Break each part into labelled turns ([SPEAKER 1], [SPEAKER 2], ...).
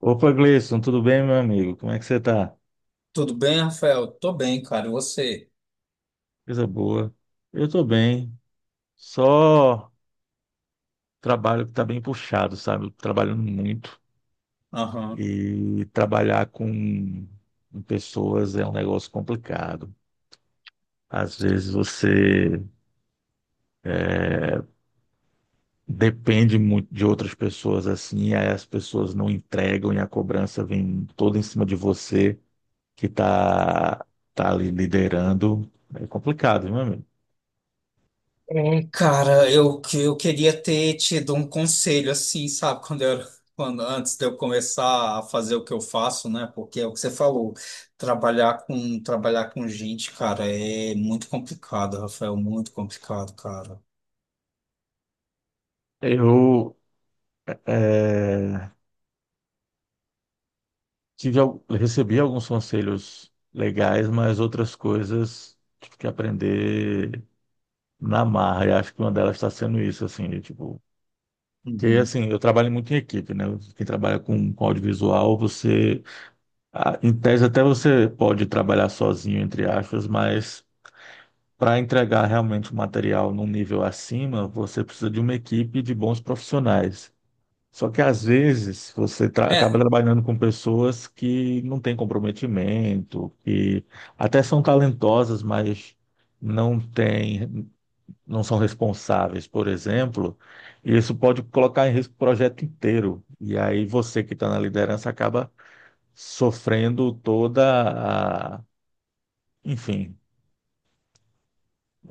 [SPEAKER 1] Opa, Gleison, tudo bem, meu amigo? Como é que você tá?
[SPEAKER 2] Tudo bem, Rafael? Tô bem, cara. E você?
[SPEAKER 1] Coisa boa. Eu tô bem. Só trabalho que tá bem puxado, sabe? Eu tô trabalhando muito.
[SPEAKER 2] Aham.
[SPEAKER 1] E trabalhar com pessoas é um negócio complicado. Às vezes você depende muito de outras pessoas assim, aí as pessoas não entregam e a cobrança vem toda em cima de você que tá, tá ali liderando. É complicado, viu, meu amigo.
[SPEAKER 2] Cara, eu queria ter te dado um conselho, assim, sabe? Antes de eu começar a fazer o que eu faço, né? Porque é o que você falou, trabalhar com gente, cara, é muito complicado, Rafael, muito complicado, cara.
[SPEAKER 1] Eu é, tive, recebi alguns conselhos legais, mas outras coisas tive que aprender na marra. E acho que uma delas está sendo isso, assim, de, tipo. Que
[SPEAKER 2] Uhum.
[SPEAKER 1] assim, eu trabalho muito em equipe, né? Quem trabalha com audiovisual, você, ah, em tese, até você pode trabalhar sozinho, entre aspas, mas para entregar realmente o material num nível acima, você precisa de uma equipe de bons profissionais. Só que às vezes você acaba
[SPEAKER 2] É,
[SPEAKER 1] trabalhando com pessoas que não têm comprometimento, que até são talentosas, mas não têm, não são responsáveis, por exemplo, e isso pode colocar em risco o projeto inteiro. E aí você que está na liderança acaba sofrendo toda a... Enfim,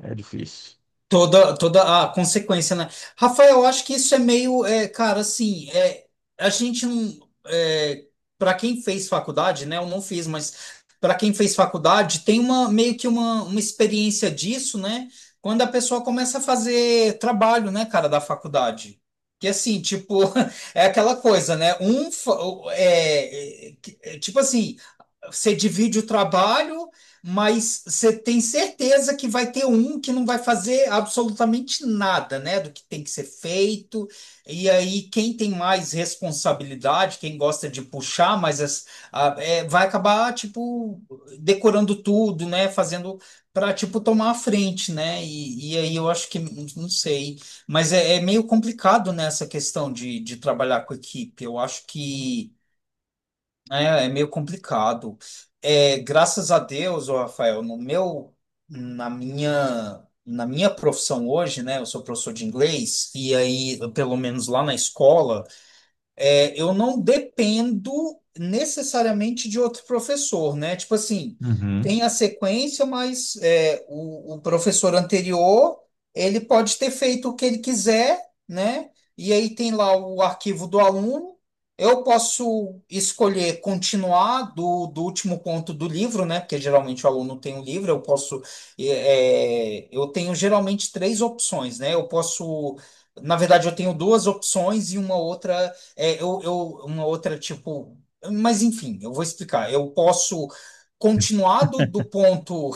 [SPEAKER 1] é difícil.
[SPEAKER 2] toda a consequência, né? Rafael, eu acho que isso é meio, cara, assim, a gente não, é, para quem fez faculdade, né? Eu não fiz, mas para quem fez faculdade, tem uma meio que uma experiência disso, né? Quando a pessoa começa a fazer trabalho, né, cara, da faculdade. Que assim, tipo, é aquela coisa, né? Tipo assim. Você divide o trabalho, mas você tem certeza que vai ter um que não vai fazer absolutamente nada, né, do que tem que ser feito. E aí, quem tem mais responsabilidade, quem gosta de puxar, vai acabar, tipo, decorando tudo, né, fazendo para, tipo, tomar a frente, né? E aí eu acho que, não sei, mas é meio complicado nessa questão de trabalhar com equipe. Eu acho que. É, é meio complicado. É, graças a Deus, ô Rafael, no meu, na minha profissão hoje, né? Eu sou professor de inglês e aí, pelo menos lá na escola eu não dependo necessariamente de outro professor, né? Tipo assim,
[SPEAKER 1] Uhum,
[SPEAKER 2] tem a sequência, mas é, o professor anterior, ele pode ter feito o que ele quiser, né? E aí tem lá o arquivo do aluno. Eu posso escolher continuar do último ponto do livro, né? Porque geralmente o aluno tem um livro, eu posso. Eu tenho geralmente três opções, né? Eu posso. Na verdade, eu tenho duas opções e uma outra é, eu, eu, uma outra, tipo. Mas enfim, eu vou explicar. Eu posso continuar do ponto.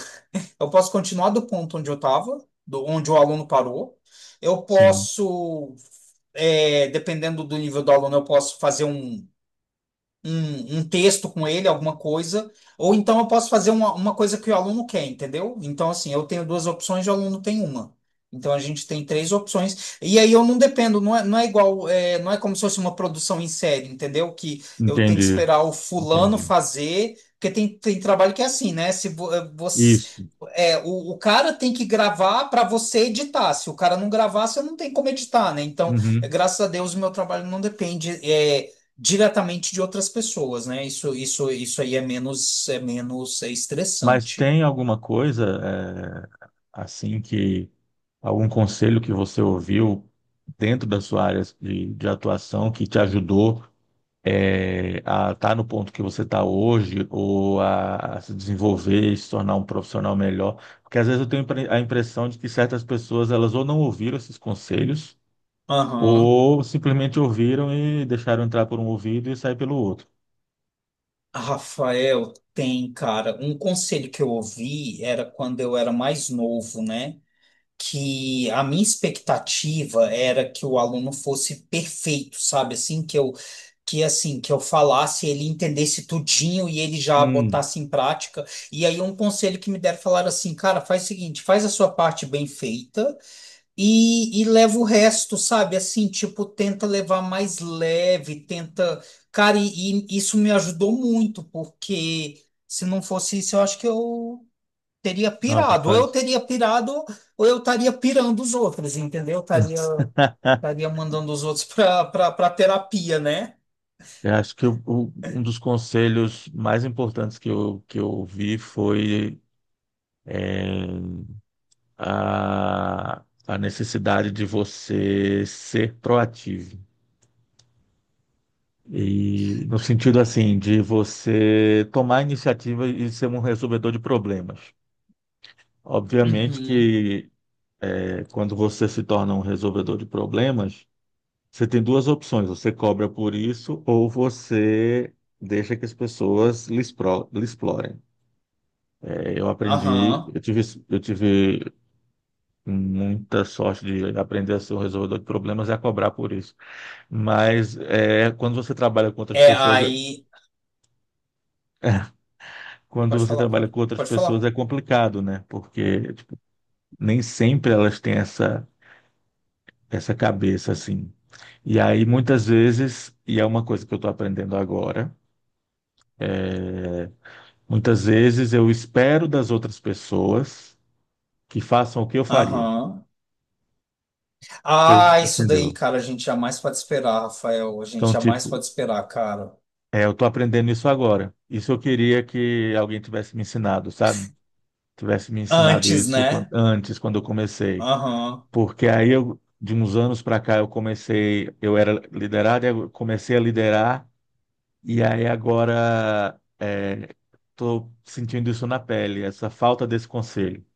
[SPEAKER 2] Eu posso continuar do ponto onde eu estava, onde o aluno parou. Eu
[SPEAKER 1] sim,
[SPEAKER 2] posso, é, dependendo do nível do aluno, eu posso fazer um texto com ele, alguma coisa, ou então eu posso fazer uma coisa que o aluno quer, entendeu? Então, assim, eu tenho duas opções e o aluno tem uma. Então, a gente tem três opções. E aí eu não dependo, não é igual, não é como se fosse uma produção em série, entendeu? Que eu tenho que
[SPEAKER 1] entendi,
[SPEAKER 2] esperar o fulano
[SPEAKER 1] entendi.
[SPEAKER 2] fazer, porque tem trabalho que é assim, né? Se vo- eh, você.
[SPEAKER 1] Isso.
[SPEAKER 2] É, o cara tem que gravar para você editar. Se o cara não gravar, você não tem como editar, né? Então,
[SPEAKER 1] Uhum.
[SPEAKER 2] graças a Deus, o meu trabalho não depende. Diretamente de outras pessoas, né? Isso aí é menos, é
[SPEAKER 1] Mas
[SPEAKER 2] estressante.
[SPEAKER 1] tem alguma coisa, assim, que algum conselho que você ouviu dentro da sua área de atuação que te ajudou, a estar no ponto que você está hoje ou a se desenvolver e se tornar um profissional melhor? Porque às vezes eu tenho a impressão de que certas pessoas elas ou não ouviram esses conselhos
[SPEAKER 2] Aham.
[SPEAKER 1] ou simplesmente ouviram e deixaram entrar por um ouvido e sair pelo outro.
[SPEAKER 2] Rafael, tem, cara, um conselho que eu ouvi era quando eu era mais novo, né? Que a minha expectativa era que o aluno fosse perfeito, sabe? Assim, que eu falasse, ele entendesse tudinho e ele já
[SPEAKER 1] Hum,
[SPEAKER 2] botasse em prática. E aí um conselho que me deram falar assim, cara, faz o seguinte, faz a sua parte bem feita e leva o resto, sabe? Assim, tipo, tenta levar mais leve, tenta. Cara, e isso me ajudou muito, porque se não fosse isso, eu acho que eu teria
[SPEAKER 1] nossa,
[SPEAKER 2] pirado. Ou eu
[SPEAKER 1] faz.
[SPEAKER 2] teria pirado, ou eu estaria pirando os outros, entendeu? Eu Estaria, estaria mandando os outros pra terapia, né?
[SPEAKER 1] Eu acho que um dos conselhos mais importantes que eu ouvi foi eh, a necessidade de você ser proativo. E no sentido assim, de você tomar iniciativa e ser um resolvedor de problemas. Obviamente
[SPEAKER 2] Uhum.
[SPEAKER 1] que quando você se torna um resolvedor de problemas, você tem duas opções: você cobra por isso ou você deixa que as pessoas lhe explorem. Eu aprendi,
[SPEAKER 2] Aham.
[SPEAKER 1] eu tive, eu tive muita sorte de aprender a ser um resolvedor de problemas e a cobrar por isso. Mas é, quando você trabalha com outras
[SPEAKER 2] É,
[SPEAKER 1] pessoas,
[SPEAKER 2] aí.
[SPEAKER 1] quando
[SPEAKER 2] Pode
[SPEAKER 1] você
[SPEAKER 2] falar,
[SPEAKER 1] trabalha com outras
[SPEAKER 2] pode
[SPEAKER 1] pessoas
[SPEAKER 2] falar.
[SPEAKER 1] é complicado, né? Porque tipo, nem sempre elas têm essa cabeça assim. E aí muitas vezes, e é uma coisa que eu estou aprendendo agora, é, muitas vezes eu espero das outras pessoas que façam o que eu faria.
[SPEAKER 2] Aham.
[SPEAKER 1] Vocês
[SPEAKER 2] Ah, isso daí,
[SPEAKER 1] entenderam?
[SPEAKER 2] cara, a gente jamais pode esperar, Rafael. A gente
[SPEAKER 1] Então,
[SPEAKER 2] jamais
[SPEAKER 1] tipo,
[SPEAKER 2] pode esperar, cara.
[SPEAKER 1] é, eu tô aprendendo isso agora. Isso eu queria que alguém tivesse me ensinado, sabe? Tivesse me ensinado
[SPEAKER 2] Antes, né?
[SPEAKER 1] antes, quando eu comecei.
[SPEAKER 2] Aham.
[SPEAKER 1] Porque aí eu, de uns anos para cá, eu comecei, eu era liderado, eu comecei a liderar, e aí agora tô sentindo isso na pele, essa falta desse conselho.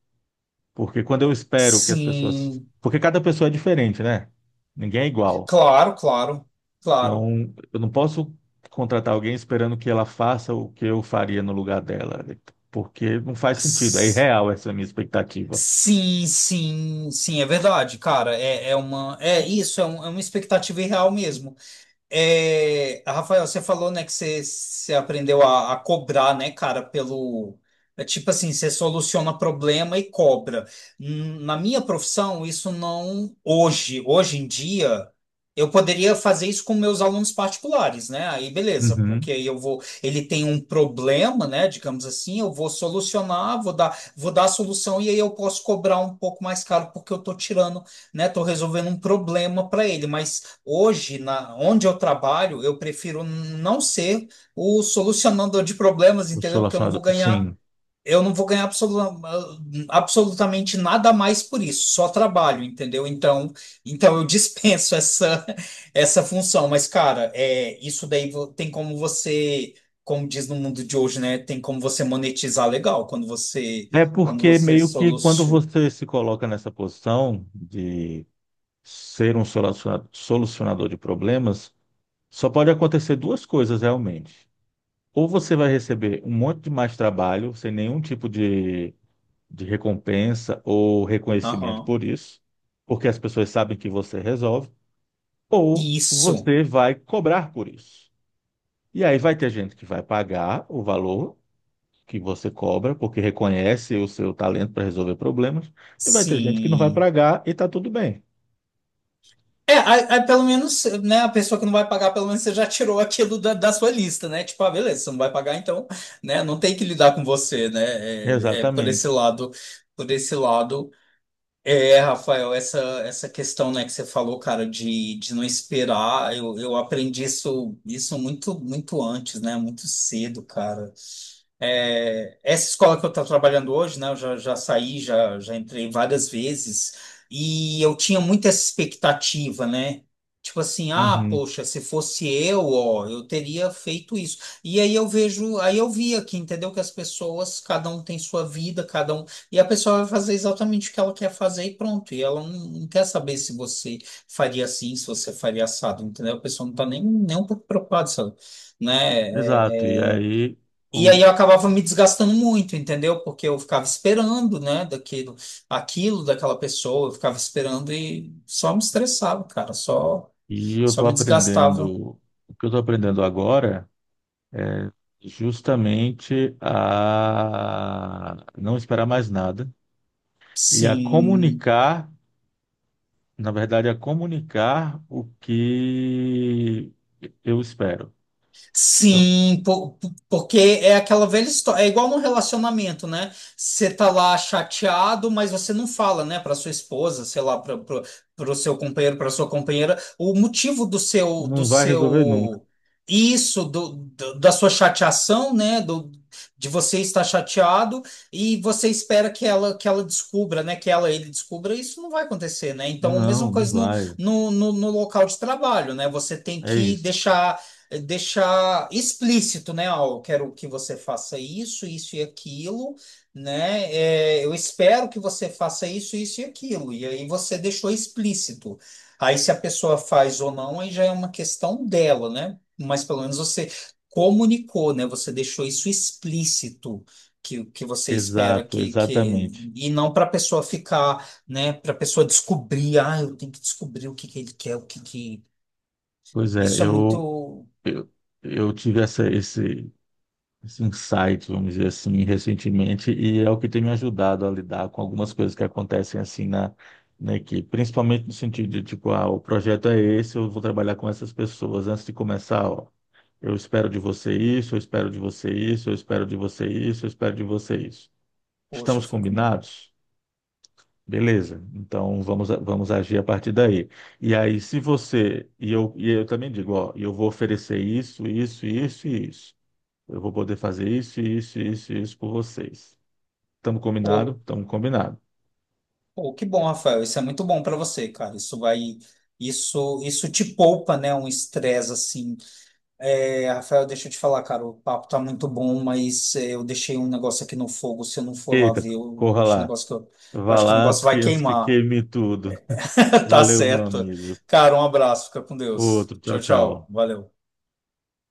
[SPEAKER 1] Porque quando eu espero que as pessoas.
[SPEAKER 2] Sim.
[SPEAKER 1] Porque cada pessoa é diferente, né? Ninguém é igual.
[SPEAKER 2] Claro, claro, claro.
[SPEAKER 1] Então, eu não posso contratar alguém esperando que ela faça o que eu faria no lugar dela, porque não faz sentido. É
[SPEAKER 2] S-
[SPEAKER 1] irreal essa minha expectativa.
[SPEAKER 2] Sim, sim, sim, é verdade, cara. É, é uma. É isso, é uma expectativa irreal mesmo. É, Rafael, você falou, né, que você aprendeu a cobrar, né, cara, pelo. É tipo assim, você soluciona problema e cobra. Hum. Na minha profissão, isso não. Hoje em dia, eu poderia fazer isso com meus alunos particulares, né? Aí beleza,
[SPEAKER 1] Uhum.
[SPEAKER 2] porque aí eu vou. Ele tem um problema, né, digamos assim, eu vou solucionar, vou dar a solução e aí eu posso cobrar um pouco mais caro porque eu tô tirando, né, tô resolvendo um problema para ele, mas. Hoje, na, onde eu trabalho, eu prefiro não ser o solucionador de problemas,
[SPEAKER 1] O
[SPEAKER 2] entendeu? Porque eu não vou
[SPEAKER 1] solucionador, sim.
[SPEAKER 2] ganhar, eu não vou ganhar ah, absolutamente nada mais por isso, só trabalho, entendeu? Então eu dispenso essa, essa função. Mas, cara, é, isso daí tem como você, como diz no mundo de hoje, né? Tem como você monetizar legal
[SPEAKER 1] É
[SPEAKER 2] quando
[SPEAKER 1] porque
[SPEAKER 2] você
[SPEAKER 1] meio que quando
[SPEAKER 2] soluciona.
[SPEAKER 1] você se coloca nessa posição de ser um solucionador de problemas, só pode acontecer duas coisas realmente. Ou você vai receber um monte de mais trabalho, sem nenhum tipo de recompensa ou reconhecimento
[SPEAKER 2] Aham.
[SPEAKER 1] por isso, porque as pessoas sabem que você resolve, ou
[SPEAKER 2] Isso,
[SPEAKER 1] você vai cobrar por isso. E aí vai ter gente que vai pagar o valor que você cobra, porque reconhece o seu talento para resolver problemas, e vai ter gente que não vai
[SPEAKER 2] sim.
[SPEAKER 1] pagar e está tudo bem.
[SPEAKER 2] É, aí, aí pelo menos, né, a pessoa que não vai pagar, pelo menos você já tirou aquilo da sua lista, né? Tipo, ah, beleza, você não vai pagar, então, né, não tem que lidar com você, né? É, é,
[SPEAKER 1] Exatamente.
[SPEAKER 2] por esse lado, é, Rafael, essa questão, né, que você falou, cara, de não esperar, eu aprendi isso muito, muito antes, né? Muito cedo, cara. É, essa escola que eu estou trabalhando hoje, né, eu já, já saí, já, já entrei várias vezes, e eu tinha muita essa expectativa, né? Tipo assim, ah,
[SPEAKER 1] Uhum.
[SPEAKER 2] poxa, se fosse eu, ó, eu teria feito isso. E aí eu vejo, aí eu vi aqui, entendeu? Que as pessoas, cada um tem sua vida, cada um. E a pessoa vai fazer exatamente o que ela quer fazer e pronto. E ela não, não quer saber se você faria assim, se você faria assado, entendeu? A pessoa não está nem, nem um pouco preocupada, sabe? Né?
[SPEAKER 1] Exato. E
[SPEAKER 2] É, é,
[SPEAKER 1] aí
[SPEAKER 2] e aí
[SPEAKER 1] o
[SPEAKER 2] eu acabava me desgastando muito, entendeu? Porque eu ficava esperando, né, daquilo, aquilo daquela pessoa, eu ficava esperando e só me estressava, cara,
[SPEAKER 1] e eu
[SPEAKER 2] só
[SPEAKER 1] estou
[SPEAKER 2] me desgastava.
[SPEAKER 1] aprendendo o que eu estou aprendendo agora, é justamente a não esperar mais nada e a
[SPEAKER 2] Sim,
[SPEAKER 1] comunicar, na verdade, a comunicar o que eu espero. Então,
[SPEAKER 2] Porque é aquela velha história, é igual no relacionamento, né? Você tá lá chateado, mas você não fala, né, para sua esposa, sei lá, para o seu companheiro, para sua companheira, o motivo do
[SPEAKER 1] não vai resolver nunca.
[SPEAKER 2] seu da sua chateação, né, do de você estar chateado e você espera que ela descubra, né, que ela ele descubra, isso não vai acontecer, né? Então, a mesma
[SPEAKER 1] Não, não
[SPEAKER 2] coisa
[SPEAKER 1] vai.
[SPEAKER 2] no local de trabalho, né? Você tem
[SPEAKER 1] É
[SPEAKER 2] que
[SPEAKER 1] isso.
[SPEAKER 2] deixar deixar explícito, né? Ó, eu quero que você faça isso, isso e aquilo, né? É, eu espero que você faça isso, isso e aquilo. E aí você deixou explícito. Aí se a pessoa faz ou não, aí já é uma questão dela, né? Mas pelo menos você comunicou, né? Você deixou isso explícito. Que você espera
[SPEAKER 1] Exato,
[SPEAKER 2] que
[SPEAKER 1] exatamente.
[SPEAKER 2] e não para a pessoa ficar, né, para a pessoa descobrir, ah, eu tenho que descobrir o que ele quer, o que
[SPEAKER 1] Pois é,
[SPEAKER 2] isso é muito.
[SPEAKER 1] eu, eu tive esse insight, vamos dizer assim, recentemente, e é o que tem me ajudado a lidar com algumas coisas que acontecem assim na equipe, principalmente no sentido de, tipo, ah, o projeto é esse, eu vou trabalhar com essas pessoas antes de começar, ó. Eu espero de você isso, eu espero de você isso, eu espero de você isso, eu espero de você isso.
[SPEAKER 2] Poxa, eu
[SPEAKER 1] Estamos
[SPEAKER 2] fico.
[SPEAKER 1] combinados? Beleza. Então vamos, vamos agir a partir daí. E aí, se você, e eu também digo, ó, eu vou oferecer isso, isso, isso e isso. Eu vou poder fazer isso, isso, isso, isso por vocês. Estamos combinado?
[SPEAKER 2] Pô,
[SPEAKER 1] Estamos combinado.
[SPEAKER 2] pô, que bom, Rafael. Isso é muito bom para você, cara. Isso vai. Isso te poupa, né? Um estresse assim. É, Rafael, deixa eu te falar, cara. O papo tá muito bom, mas é, eu deixei um negócio aqui no fogo. Se eu não for lá
[SPEAKER 1] Eita,
[SPEAKER 2] ver, eu
[SPEAKER 1] corra
[SPEAKER 2] acho, o
[SPEAKER 1] lá.
[SPEAKER 2] negócio que eu
[SPEAKER 1] Vá
[SPEAKER 2] acho que o
[SPEAKER 1] lá
[SPEAKER 2] negócio vai
[SPEAKER 1] antes que
[SPEAKER 2] queimar.
[SPEAKER 1] queime tudo.
[SPEAKER 2] Tá
[SPEAKER 1] Valeu, meu
[SPEAKER 2] certo.
[SPEAKER 1] amigo.
[SPEAKER 2] Cara, um abraço. Fica com Deus.
[SPEAKER 1] Outro, tchau,
[SPEAKER 2] Tchau, tchau.
[SPEAKER 1] tchau.
[SPEAKER 2] Valeu.